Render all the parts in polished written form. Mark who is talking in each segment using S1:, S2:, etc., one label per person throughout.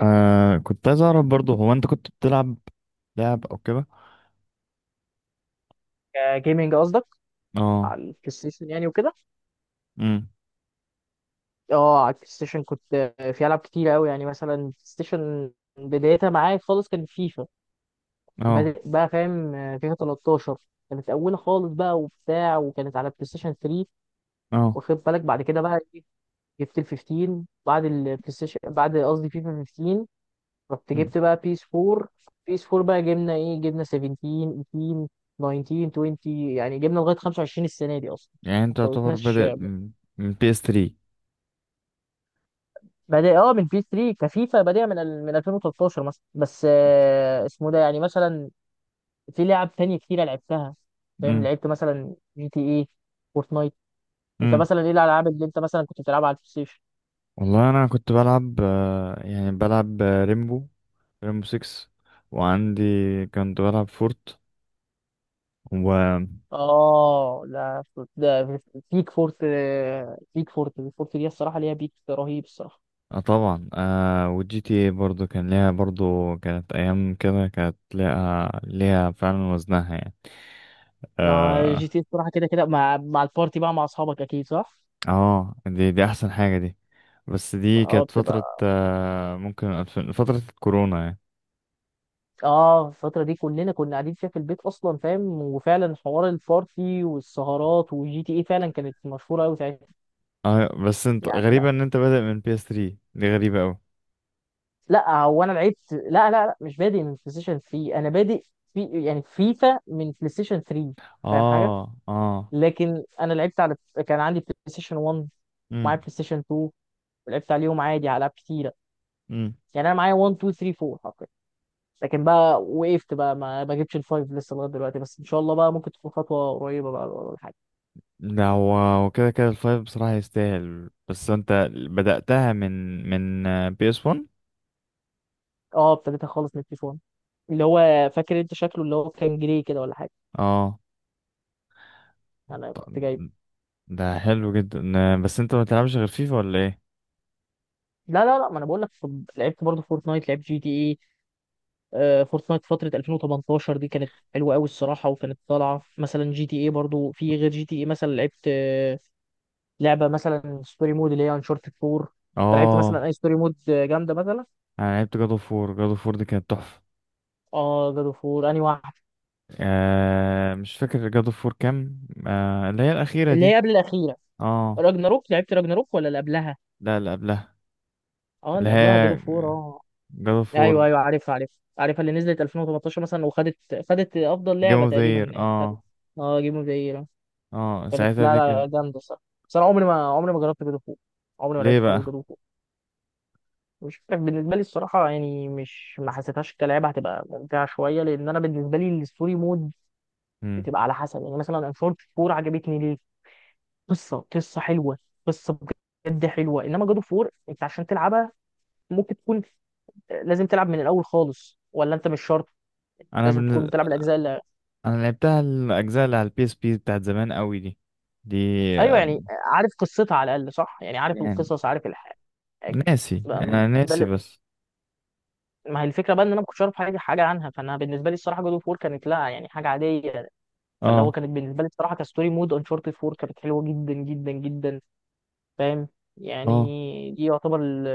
S1: آه، كنت عايز اعرف برضه هو انت كنت بتلعب لعب او كده؟
S2: جيمنج قصدك؟
S1: اه.
S2: على البلاي ستيشن يعني وكده.
S1: امم.
S2: اه، على البلاي ستيشن كنت. في العاب كتير قوي، يعني مثلا البلاي ستيشن بدايتها معايا خالص كان فيفا.
S1: اه.
S2: بدأ بقى، فاهم؟ فيفا 13 كانت اولى خالص بقى وبتاع، وكانت على بلاي ستيشن 3.
S1: اه.
S2: واخد بالك؟ بعد كده بقى إيه، جبت ال 15 بعد البلاي ستيشن، بعد، قصدي فيفا 15. رحت
S1: مم.
S2: جبت بقى بيس 4. بيس 4 بقى، جبنا ايه، جبنا 17، 18، 19، 20، يعني جبنا لغايه 25 السنه دي اصلا.
S1: يعني
S2: ما
S1: انت يعتبر
S2: فوتناش.
S1: بادئ من بي اس 3.
S2: بادئ اه من بي 3، كفيفا بادئه من من 2013 مثلا. بس اسمه ده يعني، مثلا في لعب تانية كتيرة لعبتها. فاهم،
S1: امم.
S2: لعبت مثلا جي تي اي، فورتنايت. انت
S1: امم.
S2: مثلا ايه الالعاب اللي انت مثلا كنت بتلعبها على البلاي ستيشن؟
S1: والله انا كنت بلعب بلعب ريمبو 6، وعندي كنت بلعب فورت و...
S2: اه لا، ده بيك فورت. بيك فورت. فورت دي الصراحه ليها بيك رهيب الصراحه.
S1: آه طبعا، آه والجي تي اي برضه كان ليها، برضه كانت ايام كده كانت ليها ليها فعلا وزنها يعني.
S2: لا، جي
S1: آه،
S2: تي إيه الصراحه كده كده، مع البارتي بقى، مع اصحابك اكيد، صح.
S1: اه، دي احسن حاجة دي. بس دي
S2: اه
S1: كانت فترة
S2: بتبقى،
S1: ممكن ألفين، فترة الكورونا يعني.
S2: اه الفترة دي كلنا كنا قاعدين فيها في البيت اصلا. فاهم، وفعلا حوار البارتي والسهرات وجي تي اي فعلا كانت مشهورة قوي ساعتها.
S1: اه، بس انت
S2: يعني لا،
S1: غريبة ان انت بادئ من PS3، دي غريبة اوي.
S2: لا هو انا لعبت، لا لا لا، مش بادئ من بلاي ستيشن 3. انا بادئ في، يعني فيفا، من بلاي ستيشن 3. فاهم حاجة؟
S1: اه. اه.
S2: لكن انا لعبت على، كان عندي بلاي ستيشن 1 ومعايا
S1: امم.
S2: بلاي ستيشن 2، ولعبت عليهم عادي على العاب كتيرة.
S1: امم.
S2: يعني انا معايا 1، 2، 3، 4 حرفيا. لكن بقى وقفت بقى، ما جبتش الفايف لسه لغايه دلوقتي، بس ان شاء الله بقى ممكن تكون خطوه قريبه بقى ولا حاجه.
S1: لا، هو وكده كده الفايف بصراحة يستاهل، بس انت بدأتها من PS1.
S2: اه ابتديتها خالص من التليفون، اللي هو، فاكر انت شكله؟ اللي هو كان جري كده ولا حاجه.
S1: اه،
S2: انا كنت
S1: طب
S2: جايبه.
S1: ده حلو جدا، آه، بس انت ما تلعبش غير فيفا ولا ايه؟
S2: لا لا لا، ما انا بقول لك، لعبت برضه فورتنايت، لعبت جي تي اي. فورتنايت فتره 2018 دي كانت حلوه قوي الصراحه، وكانت طالعه مثلا. جي تي اي برضه، في غير جي تي اي مثلا لعبت، لعبه مثلا ستوري مود اللي هي انشارتد 4. انت لعبت مثلا
S1: اه،
S2: اي ستوري مود جامده مثلا؟
S1: انا لعبت جادو فور دي كانت تحفة.
S2: اه جادو فور، انهي واحده؟
S1: آه مش فاكر جاد اوف وور كام، آه اللي هي الأخيرة
S2: اللي هي
S1: دي.
S2: قبل الاخيره.
S1: اه،
S2: راجناروك؟ لعبت راجناروك ولا اللي قبلها؟
S1: لا اللي قبلها.
S2: اه
S1: اللي
S2: اللي قبلها جادو
S1: هي
S2: فور، اه.
S1: جاد اوف وور.
S2: ايوه ايوه، عارفها عارفها عارفها، اللي نزلت 2018 مثلا، وخدت، خدت افضل
S1: جيم
S2: لعبه
S1: اوف ذا
S2: تقريبا
S1: يير
S2: يعني، خدت.
S1: اه.
S2: اه، جيم اوف ذا يير.
S1: اه،
S2: كانت،
S1: ساعتها
S2: لا،
S1: دي كان...
S2: لا جامده الصراحه. بس انا عمري ما، عمري ما جربت جود اوف وور، عمري ما
S1: ليه
S2: لعبت خالص
S1: بقى؟
S2: جود اوف وور. مش عارف، بالنسبه لي الصراحه يعني، مش، ما حسيتهاش كلعبه هتبقى ممتعه شويه، لان انا بالنسبه لي الستوري مود
S1: مم.
S2: بتبقى على حسب. يعني مثلا انفورد 4 عجبتني ليه؟ قصه، قصه حلوه، قصه بجد حلوه. انما جود اوف 4 انت عشان تلعبها، ممكن تكون، لازم تلعب من الاول خالص، ولا انت مش شرط
S1: انا
S2: لازم تكون
S1: من...
S2: بتلعب الاجزاء اللي...
S1: انا لعبتها الاجزاء اللي على البي اس بي بتاعت زمان قوي، دي دي.
S2: ايوه
S1: آه،
S2: يعني، عارف قصتها على الاقل، صح؟ يعني عارف
S1: يعني
S2: القصص، عارف الحاجه. بقى-
S1: ناسي، انا
S2: ده
S1: ناسي
S2: اللي...
S1: بس.
S2: ما هي الفكره بقى، ان انا ما كنتش اعرف حاجه، عنها. فانا بالنسبه لي الصراحه جود اوف وور كانت، لا يعني، حاجه عاديه. فاللي هو
S1: اه.
S2: كانت بالنسبه لي الصراحه كستوري مود، انشارتد 4 كانت حلوه جدا جدا جدا. فاهم
S1: اه.
S2: يعني؟ دي يعتبر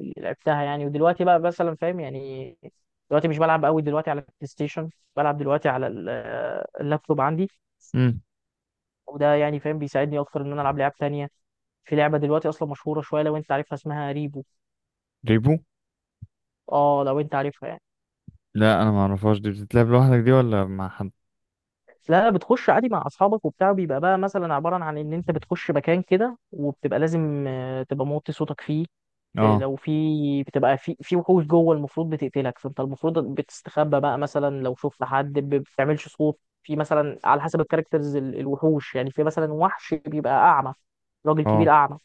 S2: اللي لعبتها يعني. ودلوقتي بقى مثلا، فاهم يعني، دلوقتي مش بلعب قوي دلوقتي على البلاي ستيشن. بلعب دلوقتي على اللابتوب عندي،
S1: امم.
S2: وده يعني فاهم بيساعدني اكتر ان انا العب لعب تانية. في لعبه دلوقتي اصلا مشهوره شويه، لو انت عارفها، اسمها ريبو.
S1: ريبو؟
S2: اه، لو انت عارفها يعني.
S1: لا انا ما اعرفهاش، دي بتتلعب لوحدك دي ولا مع حد؟
S2: لا، بتخش عادي مع اصحابك وبتاع، بيبقى بقى مثلا عباره عن ان انت بتخش مكان كده، وبتبقى لازم تبقى موطي صوتك فيه.
S1: اه.
S2: لو في بتبقى في، وحوش جوه المفروض بتقتلك، فانت المفروض بتستخبى بقى. مثلا لو شفت حد، بتعملش صوت في مثلا على حسب الكاركترز، الوحوش. يعني في مثلا وحش بيبقى اعمى، راجل
S1: اه.
S2: كبير اعمى،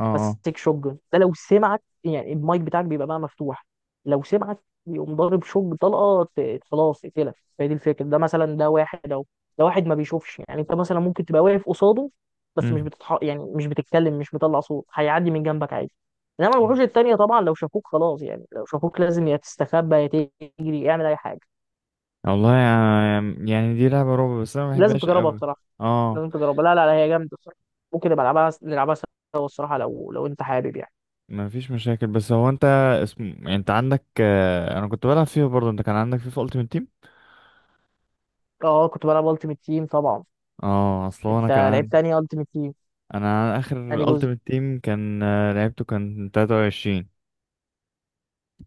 S1: اه. اه.
S2: ماسك شوت، ده لو سمعك يعني، المايك بتاعك بيبقى بقى مفتوح، لو سمعك يقوم ضارب شوت طلقه، خلاص اقتلك. فهي دي الفكره، ده مثلا، ده واحد اهو، ده واحد ما بيشوفش يعني. انت مثلا ممكن تبقى واقف قصاده، بس مش
S1: امم.
S2: يعني مش بتتكلم، مش مطلع صوت، هيعدي من جنبك عادي. انما الوحوش التانية طبعا لو شافوك خلاص، يعني لو شافوك لازم يا تستخبى يا تجري، اعمل اي حاجه.
S1: والله يعني، يعني دي لعبة رعب بس انا ما
S2: لازم
S1: بحبهاش
S2: تجربها
S1: قوي.
S2: بصراحه،
S1: اه.
S2: لازم تجربها، لا لا لا، هي جامده بصراحه. ممكن نبقى نلعبها، سوا الصراحه، لو انت حابب يعني.
S1: ما فيش مشاكل بس هو انت اسم، يعني انت عندك آه، انا كنت بلعب فيها برضه، انت كان عندك فيفا التيمت تيم؟
S2: اه، كنت بلعب التيمت تيم طبعا.
S1: اه، اصل هو انا
S2: انت
S1: كان
S2: لعبت
S1: عندي،
S2: انهي التيمت تيم؟
S1: انا عن
S2: انهي
S1: اخر
S2: جزء؟
S1: التيمت تيم كان آه، لعبته كان 23.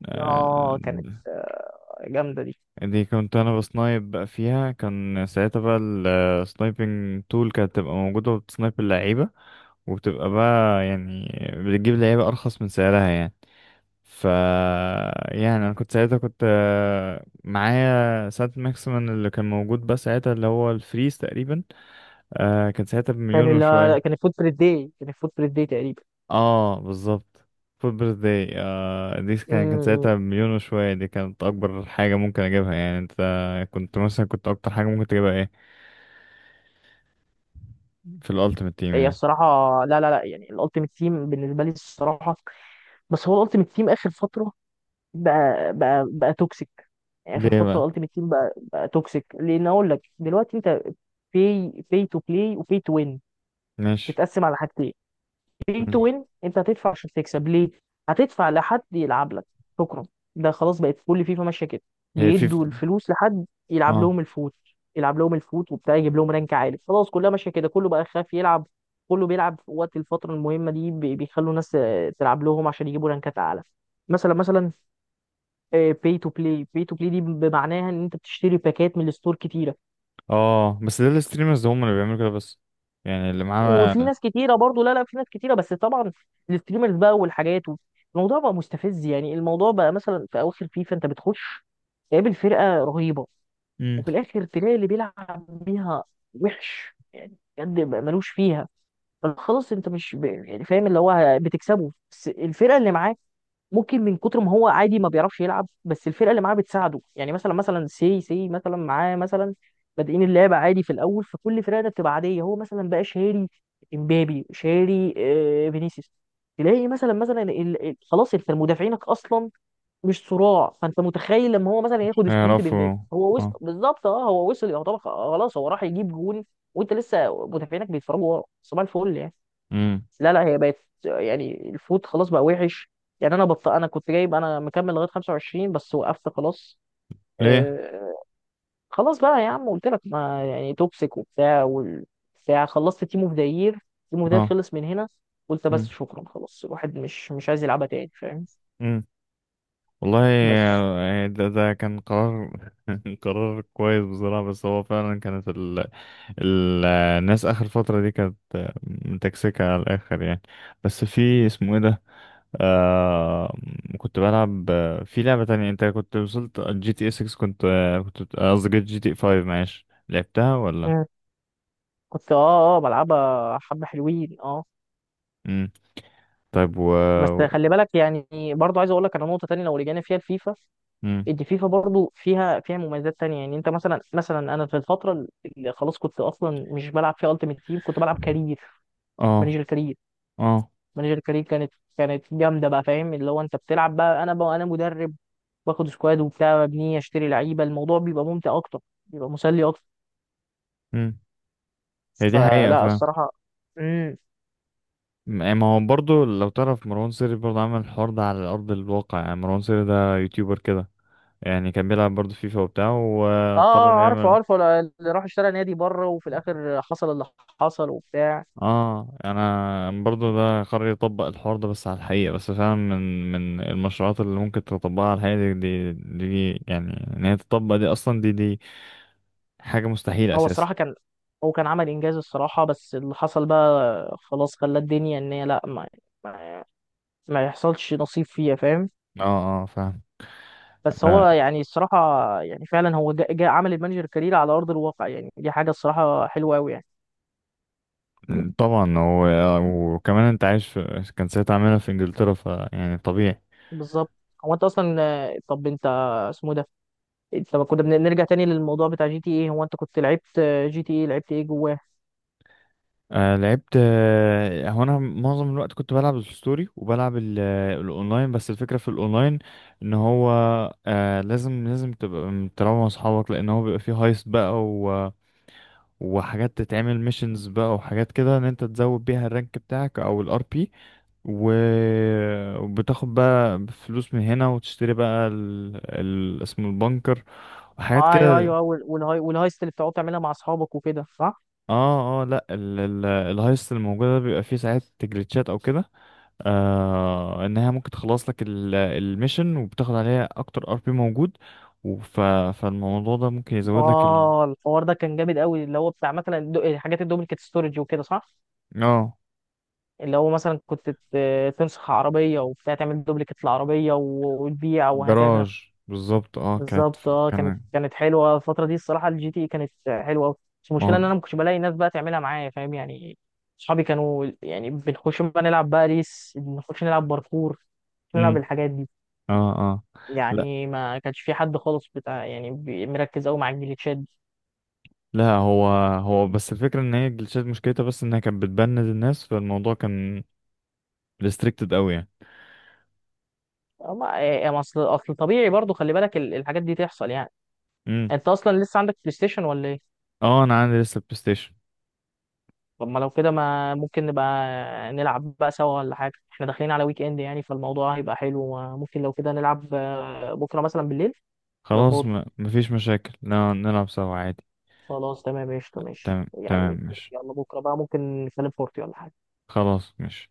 S1: آه،
S2: اه كانت، جامده دي.
S1: دي كنت انا بسنايب بقى فيها كان ساعتها بقى السنايبنج تول كانت تبقى موجودة، وبتسنايب اللعيبة وبتبقى بقى يعني بتجيب لعيبة ارخص من سعرها يعني. ف... يعني انا كنت ساعتها كنت آه، معايا ساعة ماكسيمم اللي كان موجود بس ساعتها اللي هو الفريز تقريبا. آه كان ساعتها بمليون
S2: كان، لا، لا
S1: وشوية.
S2: كان الفوت بريد داي، تقريبا.
S1: اه بالظبط. فود بيرث داي، آه دي كان كان
S2: امم.
S1: ساعتها بمليون وشوية، دي كانت أكبر حاجة ممكن أجيبها يعني. أنت كنت مثلا، كنت أكتر حاجة ممكن تجيبها إيه في الألتيمت تيم
S2: هي
S1: يعني؟
S2: الصراحه، لا لا لا، يعني الالتيمت تيم بالنسبه لي الصراحه، بس هو الالتيمت تيم اخر فتره بقى، توكسيك. يعني اخر
S1: ليه
S2: فتره
S1: بقى؟
S2: الالتيمت تيم بقى، توكسيك. لان اقول لك دلوقتي، انت في في تو بلاي وفي تو وين،
S1: ماشي.
S2: تتقسم على حاجتين. pay
S1: مم.
S2: to win، انت هتدفع عشان تكسب، ليه؟ هتدفع لحد يلعب لك، شكرا. ده خلاص بقت كل فيفا ماشيه كده،
S1: هي في...
S2: بيدوا الفلوس لحد يلعب
S1: اه.
S2: لهم الفوت. وبتاع، يجيب لهم رانك عالي. خلاص كلها ماشيه كده، كله بقى خاف يلعب، كله بيلعب في وقت الفتره المهمه دي، بيخلوا ناس تلعب لهم عشان يجيبوا رانكات اعلى. مثلا، باي تو بلاي. دي بمعناها، ان انت بتشتري باكات من الستور كتيره،
S1: اه، بس ده الستريمرز هم اللي بيعملوا كده بس، يعني اللي
S2: وفي
S1: معاه
S2: ناس كتيره برضو، لا لا، في ناس كتيره بس طبعا الستريمرز بقى والحاجات و... الموضوع بقى مستفز يعني. الموضوع بقى، مثلا في اواخر فيفا انت بتخش تقابل فرقه رهيبه، وفي الاخر تلاقي اللي بيلعب بيها وحش يعني، بجد بقى ملوش فيها. فخلاص انت مش يعني فاهم اللي هو بتكسبه، بس الفرقه اللي معاك ممكن من كتر ما هو عادي، ما بيعرفش يلعب، بس الفرقه اللي معاه بتساعده. يعني مثلا، سي سي، مثلا معاه، مثلا بادئين اللعبه عادي في الاول، فكل الفرقه ده بتبقى عاديه. هو مثلا بقى شاري امبابي، شاري فينيسيوس، تلاقي مثلا، خلاص انت مدافعينك اصلا مش صراع. فانت متخيل لما هو مثلا ياخد سبرنت
S1: يعرفوا.
S2: بامبابي، هو وصل
S1: اه.
S2: بالظبط، اه هو وصل يعتبر خلاص، هو راح يجيب جون، وانت لسه مدافعينك بيتفرجوا ورا، صباح الفل يعني.
S1: امم.
S2: لا لا، هي بقت يعني الفود خلاص بقى وحش. يعني انا انا كنت جايب، انا مكمل لغايه 25 بس وقفت خلاص.
S1: ليه؟
S2: آه... خلاص بقى يا عم، قلت لك ما يعني توكسيك وبتاع والبتاع، خلصت تيم اوف ذا يير، تيم اوف ذا
S1: اه.
S2: خلص من هنا. قلت بس
S1: امم.
S2: شكرا، خلاص الواحد مش، عايز يلعبها تاني. فاهم؟
S1: امم. والله
S2: بس.
S1: آه، ده كان قرار قرار كويس بصراحة، بس هو فعلا كانت ال... ال... الناس آخر فترة دي كانت آه، متكسكة على الآخر يعني. بس في اسمه ايه ده؟ آه... كنت بلعب آه، في لعبة تانية انت كنت وصلت جي تي اي 6، كنت آه، كنت قصدي جي تي اي 5، معلش لعبتها ولا؟
S2: مم. كنت، اه بلعبها حبه حلوين، اه.
S1: امم. طيب و...
S2: بس خلي بالك يعني، برضه عايز اقول لك على نقطه تانية لو رجعنا فيها الفيفا.
S1: امم.
S2: دي فيفا برضو فيها، مميزات تانية. يعني انت مثلا، انا في الفترة اللي خلاص كنت اصلا مش بلعب فيها التيمت تيم، كنت بلعب كارير،
S1: اه.
S2: مانجر كارير.
S1: اه.
S2: كانت، جامدة بقى. فاهم، اللي هو انت بتلعب بقى، انا بقى، مدرب، باخد سكواد وبتاع، ببنيه، اشتري لعيبة، الموضوع بيبقى ممتع اكتر، بيبقى مسلي اكتر.
S1: مم. هي دي حقيقة
S2: فلا
S1: فاهم.
S2: الصراحة. امم،
S1: يعني ما هو برضه لو تعرف مروان سري برضه عمل الحوار ده على أرض الواقع، يعني مروان سري ده يوتيوبر كده يعني، كان بيلعب برضه فيفا وبتاع
S2: اه.
S1: وقرر
S2: عارفه
S1: يعمل...
S2: عارفه، اللي راح اشترى نادي بره، وفي الاخر حصل اللي حصل وبتاع.
S1: اه. انا برضه ده قرر يطبق الحوار ده بس على الحقيقة، بس فعلا من من المشروعات اللي ممكن تطبقها على الحقيقة، دي يعني ان هي تطبق دي اصلا، دي حاجة مستحيلة
S2: هو
S1: اساسا.
S2: الصراحة كان، هو كان عمل إنجاز الصراحة، بس اللي حصل بقى خلاص، خلى الدنيا إن هي لأ، ما، ما, ما يحصلش نصيب فيها. فاهم؟
S1: اه. اه فاهم.
S2: بس
S1: آه
S2: هو يعني الصراحة، يعني فعلا هو جا عمل المانجر كارير على أرض الواقع. يعني دي حاجة الصراحة حلوة أوي يعني.
S1: طبعا و- آه، وكمان انت عايش في كان ساعتها عاملها في انجلترا فيعني طبيعي.
S2: بالظبط. هو أنت أصلا، طب أنت، اسمه ده، أنت، ما كنا بنرجع تاني للموضوع بتاع جي تي إيه. هو أنت كنت لعبت جي تي إيه، لعبت إيه جواه؟
S1: آه لعبت، آه هو انا معظم الوقت كنت بلعب الستوري وبلعب ال- آه، الاونلاين، بس الفكره في الاونلاين ان هو آه لازم تبقى تلعب مع اصحابك، لان هو بيبقى فيه هايست بقى و... وحاجات تتعمل ميشنز بقى وحاجات كده ان انت تزود بيها الرانك بتاعك او الار بي و... وبتاخد بقى فلوس من هنا وتشتري بقى ال... ال... اسمه البنكر وحاجات
S2: أيوه
S1: كده.
S2: أيوه أيوه، والهاي، اللي بتقعد تعملها مع أصحابك وكده، صح؟
S1: اه. اه لا، ال... ال... الهايست الموجوده بيبقى فيه ساعات جليتشات او كده. آه انها ممكن تخلص لك ال- الميشن وبتاخد عليها اكتر ار بي موجود. وف... فالموضوع ده ممكن يزود لك ال...
S2: اه الحوار ده كان جامد قوي، اللي هو بتاع مثلا حاجات الدوبليكيت ستورج وكده، صح.
S1: اه
S2: اللي هو مثلا كنت تنسخ عربيه وبتاع، تعمل دوبليكيت العربيه وتبيع، وهكذا.
S1: الجراج بالظبط اه كانت.
S2: بالظبط، اه كانت،
S1: كان
S2: حلوه الفتره دي الصراحه، الجي تي كانت حلوه قوي. بس
S1: ما
S2: المشكله
S1: هو...
S2: ان انا ما كنتش بلاقي ناس بقى تعملها معايا، فاهم يعني. اصحابي كانوا يعني، بنخش بقى نلعب بقى ريس، بنخش نلعب باركور، نلعب
S1: امم.
S2: الحاجات دي.
S1: اه. اه لا
S2: يعني ما كانش في حد خالص بتاع يعني، مركز قوي مع الجليتشات.
S1: لا هو، بس الفكرة ان هي الجلitchات مشكلتها بس انها كانت بتبند الناس، فالموضوع كان ريستريكتد قوي يعني.
S2: ما إيه، ما اصل، طبيعي برضو، خلي بالك الحاجات دي تحصل يعني.
S1: امم.
S2: انت اصلا لسه عندك بلاي ستيشن ولا ايه؟
S1: اه انا عندي لسه بلاي ستيشن.
S2: طب ما لو كده، ما ممكن نبقى نلعب بقى سوا ولا حاجه؟ احنا داخلين على ويك اند يعني، فالموضوع هيبقى حلو. ممكن لو كده نلعب بكره مثلا بالليل لو
S1: خلاص،
S2: فاضي.
S1: ما... مفيش مشاكل نلعب سوا عادي.
S2: خلاص تمام قشطه، ماشي
S1: تمام تمام
S2: يعني.
S1: ماشي.
S2: يلا بكره بقى ممكن نتكلم فورتي ولا حاجه.
S1: خلاص ماشي.